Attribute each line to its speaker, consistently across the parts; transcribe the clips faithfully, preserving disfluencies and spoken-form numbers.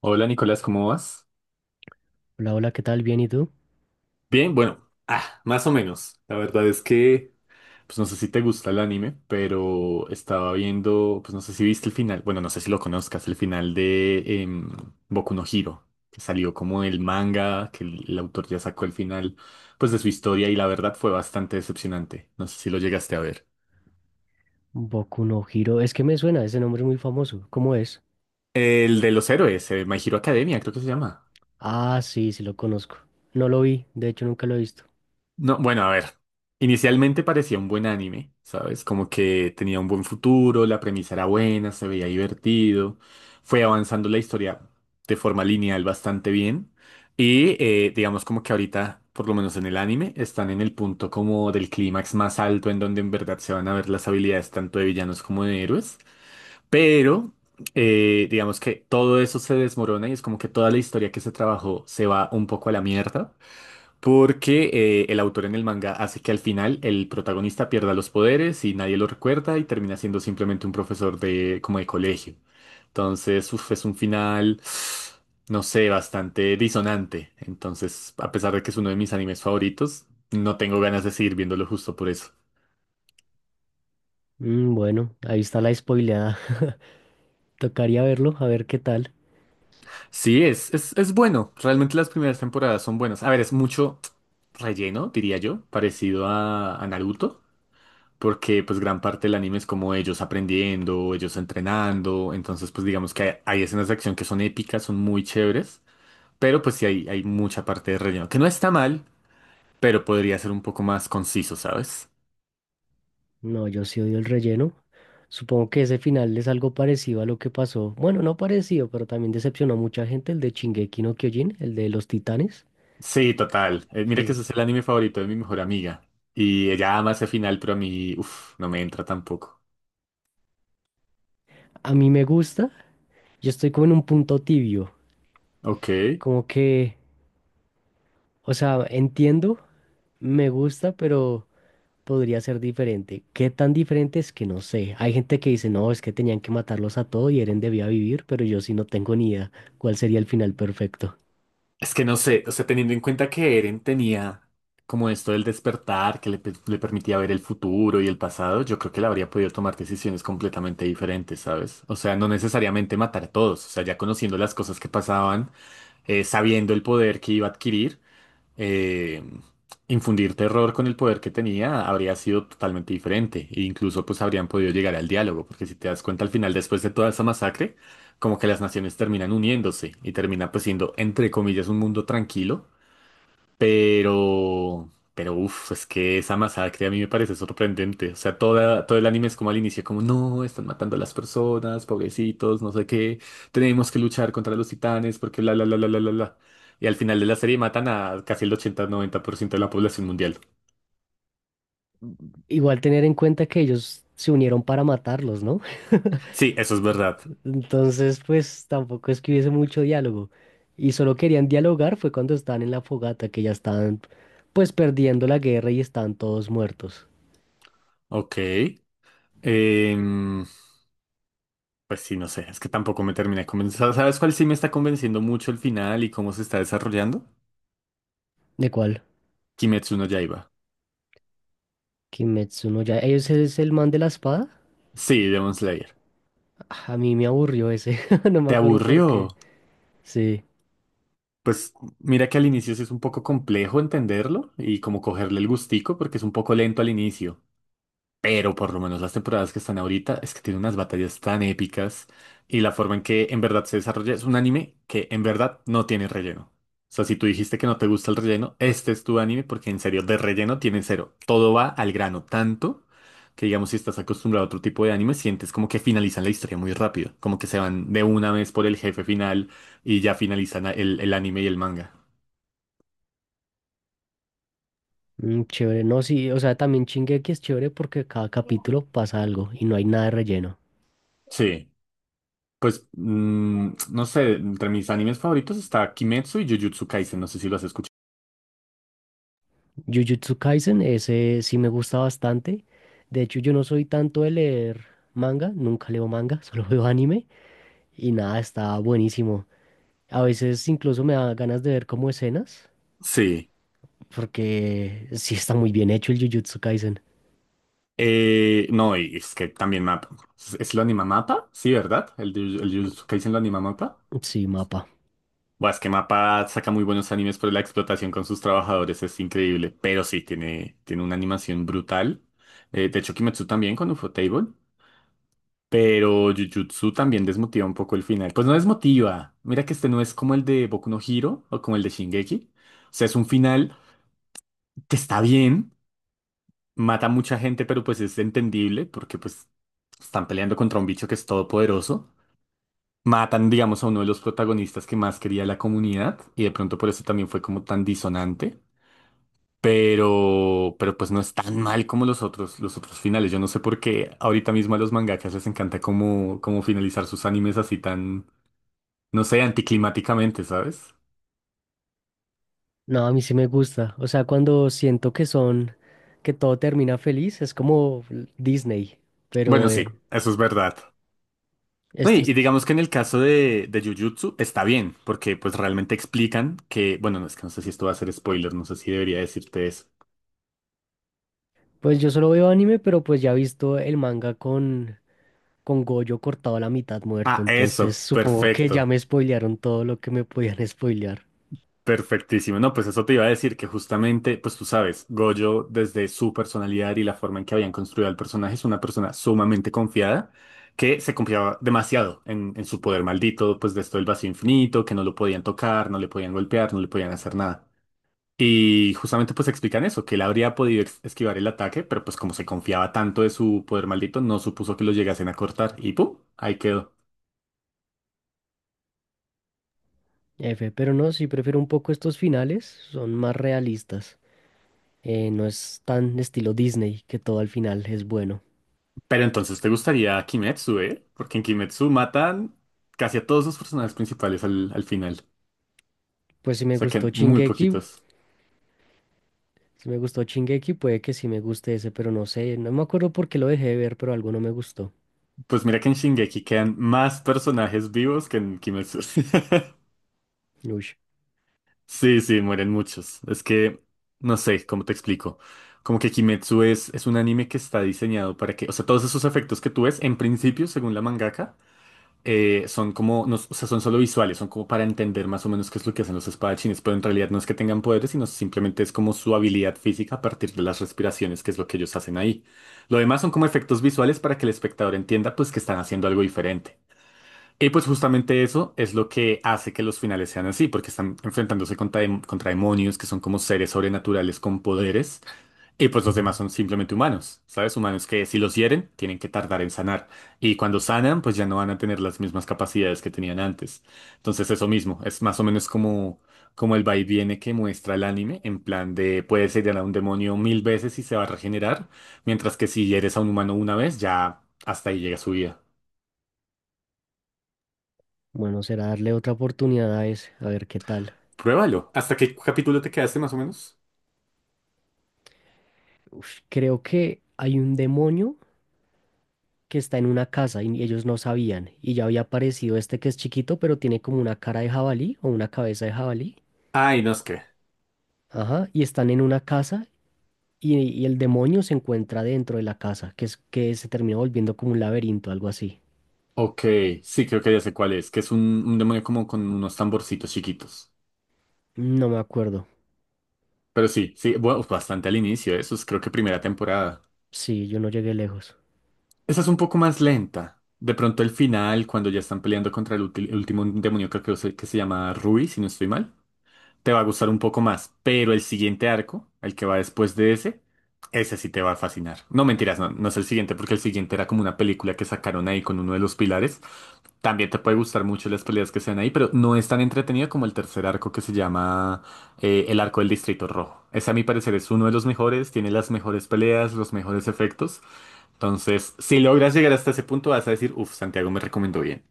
Speaker 1: Hola Nicolás, ¿cómo vas?
Speaker 2: Hola, hola, ¿qué tal? ¿Bien y tú?
Speaker 1: Bien, bueno, ah, más o menos. La verdad es que, pues no sé si te gusta el anime, pero estaba viendo, pues no sé si viste el final, bueno, no sé si lo conozcas, el final de em, Boku no Hero, que salió como el manga, que el, el autor ya sacó el final, pues de su historia y la verdad fue bastante decepcionante. No sé si lo llegaste a ver.
Speaker 2: Boku no Hero. Es que me suena, ese nombre es muy famoso. ¿Cómo es?
Speaker 1: El de los héroes, eh, My Hero Academia, creo que se llama.
Speaker 2: Ah, sí, sí lo conozco. No lo vi, de hecho nunca lo he visto.
Speaker 1: No, bueno, a ver. Inicialmente parecía un buen anime, ¿sabes? Como que tenía un buen futuro, la premisa era buena, se veía divertido, fue avanzando la historia de forma lineal bastante bien y eh, digamos como que ahorita, por lo menos en el anime, están en el punto como del clímax más alto en donde en verdad se van a ver las habilidades tanto de villanos como de héroes, pero eh, digamos que todo eso se desmorona y es como que toda la historia que se trabajó se va un poco a la mierda. Porque eh, el autor en el manga hace que al final el protagonista pierda los poderes y nadie lo recuerda y termina siendo simplemente un profesor de como de colegio. Entonces, uf, es un final, no sé, bastante disonante. Entonces, a pesar de que es uno de mis animes favoritos, no tengo ganas de seguir viéndolo justo por eso.
Speaker 2: Mm, bueno, ahí está la spoileada. Tocaría verlo, a ver qué tal.
Speaker 1: Sí, es, es, es bueno. Realmente las primeras temporadas son buenas. A ver, es mucho relleno, diría yo, parecido a, a Naruto. Porque pues gran parte del anime es como ellos aprendiendo, ellos entrenando, entonces pues digamos que hay, hay escenas de acción que son épicas, son muy chéveres, pero pues sí hay, hay mucha parte de relleno, que no está mal, pero podría ser un poco más conciso, ¿sabes?
Speaker 2: No, yo sí odio el relleno. Supongo que ese final es algo parecido a lo que pasó. Bueno, no parecido, pero también decepcionó a mucha gente, el de Shingeki no Kyojin, el de los titanes.
Speaker 1: Sí, total. Eh, mira que ese
Speaker 2: Pues
Speaker 1: es el anime favorito de mi mejor amiga y ella ama ese final, pero a mí, uff, no me entra tampoco.
Speaker 2: a mí me gusta. Yo estoy como en un punto tibio.
Speaker 1: Ok.
Speaker 2: Como que, o sea, entiendo, me gusta, pero podría ser diferente. ¿Qué tan diferente es que no sé? Hay gente que dice, no, es que tenían que matarlos a todos y Eren debía vivir, pero yo sí no tengo ni idea cuál sería el final perfecto.
Speaker 1: Es que no sé, o sea, teniendo en cuenta que Eren tenía como esto del despertar, que le, pe- le permitía ver el futuro y el pasado, yo creo que él habría podido tomar decisiones completamente diferentes, ¿sabes? O sea, no necesariamente matar a todos, o sea, ya conociendo las cosas que pasaban, eh, sabiendo el poder que iba a adquirir, eh, infundir terror con el poder que tenía habría sido totalmente diferente e incluso pues habrían podido llegar al diálogo, porque si te das cuenta al final después de toda esa masacre, como que las naciones terminan uniéndose y termina pues siendo entre comillas un mundo tranquilo, pero, pero uff, es que esa masacre a mí me parece sorprendente. O sea, toda, todo el anime es como al inicio, como no, están matando a las personas, pobrecitos, no sé qué, tenemos que luchar contra los titanes, porque bla, bla, bla, bla, bla, bla. Bla". Y al final de la serie matan a casi el ochenta noventa por ciento de la población mundial.
Speaker 2: Igual tener en cuenta que ellos se unieron para matarlos, ¿no?
Speaker 1: Sí, eso es verdad.
Speaker 2: Entonces, pues tampoco es que hubiese mucho diálogo. Y solo querían dialogar fue cuando estaban en la fogata, que ya estaban pues perdiendo la guerra y estaban todos muertos.
Speaker 1: Ok. Em, pues sí, no sé, es que tampoco me termina de convencer. ¿Sabes cuál sí me está convenciendo mucho el final y cómo se está desarrollando?
Speaker 2: ¿De cuál?
Speaker 1: Kimetsu no Yaiba.
Speaker 2: ¿Kimetsu no ya ellos es el man de la espada?
Speaker 1: Sí, Demon Slayer.
Speaker 2: Ah, a mí me aburrió ese, no me
Speaker 1: ¿Te
Speaker 2: acuerdo por qué.
Speaker 1: aburrió?
Speaker 2: Sí,
Speaker 1: Pues mira que al inicio sí es un poco complejo entenderlo y como cogerle el gustico porque es un poco lento al inicio. Pero por lo menos las temporadas que están ahorita es que tiene unas batallas tan épicas y la forma en que en verdad se desarrolla es un anime que en verdad no tiene relleno. O sea, si tú dijiste que no te gusta el relleno, este es tu anime porque en serio, de relleno tiene cero. Todo va al grano, tanto que digamos si estás acostumbrado a otro tipo de anime, sientes como que finalizan la historia muy rápido, como que se van de una vez por el jefe final y ya finalizan el, el anime y el manga.
Speaker 2: mm, chévere. No, sí, o sea, también Shingeki es chévere porque cada capítulo pasa algo y no hay nada de relleno.
Speaker 1: Sí. Pues, mm, no sé, entre mis animes favoritos está Kimetsu y Jujutsu Kaisen, no sé si lo has escuchado.
Speaker 2: Jujutsu Kaisen, ese sí me gusta bastante. De hecho, yo no soy tanto de leer manga, nunca leo manga, solo veo anime y nada, está buenísimo. A veces incluso me da ganas de ver como escenas
Speaker 1: Sí.
Speaker 2: porque sí está muy bien hecho el Jujutsu Kaisen.
Speaker 1: Eh, no, y es que también mapa. ¿Es lo anima mapa? Sí, ¿verdad? El, de- el Jujutsu Kaisen lo anima mapa.
Speaker 2: Sí, mapa.
Speaker 1: Bueno, es que Mapa saca muy buenos animes por la explotación con sus trabajadores, es increíble. Pero sí, tiene, tiene una animación brutal. Eh, de hecho, Kimetsu también con Ufotable. Pero Jujutsu también desmotiva un poco el final. Pues no desmotiva. Mira que este no es como el de Boku no Hero o como el de Shingeki. O sea, es un final que está bien. Mata a mucha gente, pero pues es entendible porque pues están peleando contra un bicho que es todopoderoso. Matan, digamos, a uno de los protagonistas que más quería la comunidad y de pronto por eso también fue como tan disonante. Pero, pero pues no es tan mal como los otros, los otros finales. Yo no sé por qué ahorita mismo a los mangakas les encanta como, como finalizar sus animes así tan, no sé, anticlimáticamente, ¿sabes?
Speaker 2: No, a mí sí me gusta. O sea, cuando siento que son, que todo termina feliz, es como Disney,
Speaker 1: Bueno,
Speaker 2: pero
Speaker 1: sí,
Speaker 2: eh,
Speaker 1: eso es verdad. No, Y, y
Speaker 2: estos,
Speaker 1: digamos que en el caso de, de Jujutsu está bien, porque pues realmente explican que, bueno, no es que no sé si esto va a ser spoiler, no sé si debería decirte eso.
Speaker 2: pues yo solo veo anime, pero pues ya he visto el manga con, con Goyo cortado a la mitad muerto,
Speaker 1: Ah,
Speaker 2: entonces
Speaker 1: eso,
Speaker 2: supongo que ya
Speaker 1: perfecto,
Speaker 2: me spoilearon todo lo que me podían spoilear.
Speaker 1: perfectísimo. No, pues eso te iba a decir que justamente, pues tú sabes, Gojo desde su personalidad y la forma en que habían construido al personaje es una persona sumamente confiada que se confiaba demasiado en, en su poder maldito, pues de esto del vacío infinito, que no lo podían tocar, no le podían golpear, no le podían hacer nada. Y justamente pues explican eso, que él habría podido ex- esquivar el ataque, pero pues como se confiaba tanto de su poder maldito, no supuso que lo llegasen a cortar y ¡pum! Ahí quedó.
Speaker 2: F, pero no, sí prefiero un poco estos finales, son más realistas. Eh, no es tan estilo Disney que todo al final es bueno.
Speaker 1: Pero entonces te gustaría Kimetsu, ¿eh? Porque en Kimetsu matan casi a todos los personajes principales al, al final.
Speaker 2: Pues si
Speaker 1: O
Speaker 2: me
Speaker 1: sea,
Speaker 2: gustó
Speaker 1: quedan muy
Speaker 2: Shingeki,
Speaker 1: poquitos.
Speaker 2: si me gustó Shingeki, puede que sí me guste ese, pero no sé, no me acuerdo por qué lo dejé de ver, pero algo no me gustó.
Speaker 1: Pues mira que en Shingeki quedan más personajes vivos que en Kimetsu.
Speaker 2: Uy,
Speaker 1: Sí, sí, mueren muchos. Es que, no sé, ¿cómo te explico? Como que Kimetsu es, es un anime que está diseñado para que, o sea, todos esos efectos que tú ves, en principio, según la mangaka, eh, son como, no- o sea, son solo visuales, son como para entender más o menos qué es lo que hacen los espadachines, pero en realidad no es que tengan poderes, sino simplemente es como su habilidad física a partir de las respiraciones, que es lo que ellos hacen ahí. Lo demás son como efectos visuales para que el espectador entienda, pues, que están haciendo algo diferente. Y pues justamente eso es lo que hace que los finales sean así, porque están enfrentándose contra, dem- contra demonios que son como seres sobrenaturales con poderes, y pues los demás son simplemente humanos, ¿sabes? Humanos que si los hieren, tienen que tardar en sanar, y cuando sanan, pues ya no van a tener las mismas capacidades que tenían antes. Entonces eso mismo, es más o menos como, como el va y viene que muestra el anime, en plan de puedes herir a un demonio mil veces y se va a regenerar, mientras que si hieres a un humano una vez, ya hasta ahí llega su vida.
Speaker 2: bueno, será darle otra oportunidad a ese, a ver qué tal.
Speaker 1: Pruébalo. ¿Hasta qué capítulo te quedaste más o menos?
Speaker 2: Uf, creo que hay un demonio que está en una casa y ellos no sabían. Y ya había aparecido este que es chiquito, pero tiene como una cara de jabalí o una cabeza de jabalí.
Speaker 1: Ay, no es que.
Speaker 2: Ajá. Y están en una casa y, y el demonio se encuentra dentro de la casa, que es que se termina volviendo como un laberinto, algo así.
Speaker 1: Ok, sí, creo que ya sé cuál es, que es un, un demonio como con unos tamborcitos chiquitos.
Speaker 2: No me acuerdo.
Speaker 1: Pero sí, sí, bueno, bastante al inicio, eso es creo que primera temporada.
Speaker 2: Sí, yo no llegué lejos.
Speaker 1: Esa es un poco más lenta. De pronto el final, cuando ya están peleando contra el ulti- último demonio, creo que, se- que se llama Rui, si no estoy mal. Te va a gustar un poco más, pero el siguiente arco, el que va después de ese, ese sí te va a fascinar. No mentiras, no, no es el siguiente, porque el siguiente era como una película que sacaron ahí con uno de los pilares. También te puede gustar mucho las peleas que sean ahí, pero no es tan entretenida como el tercer arco que se llama eh, el arco del Distrito Rojo. Ese a mi parecer es uno de los mejores, tiene las mejores peleas, los mejores efectos. Entonces, si logras llegar hasta ese punto, vas a decir, uff, Santiago me recomendó bien.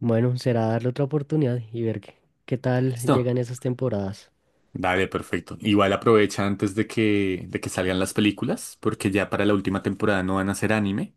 Speaker 2: Bueno, será darle otra oportunidad y ver qué, qué tal
Speaker 1: Listo.
Speaker 2: llegan esas temporadas.
Speaker 1: Dale, perfecto. Igual aprovecha antes de que, de que salgan las películas, porque ya para la última temporada no van a hacer anime,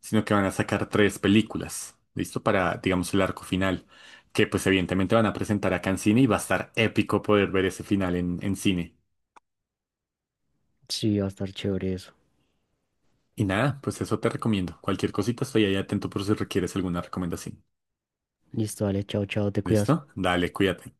Speaker 1: sino que van a sacar tres películas, ¿listo? Para, digamos, el arco final, que pues evidentemente van a presentar acá en cine y va a estar épico poder ver ese final en, en cine.
Speaker 2: Sí, va a estar chévere eso.
Speaker 1: Y nada, pues eso te recomiendo. Cualquier cosita estoy ahí atento por si requieres alguna recomendación.
Speaker 2: Listo, dale, chao, chao, te cuidas.
Speaker 1: ¿Listo? Dale, cuídate.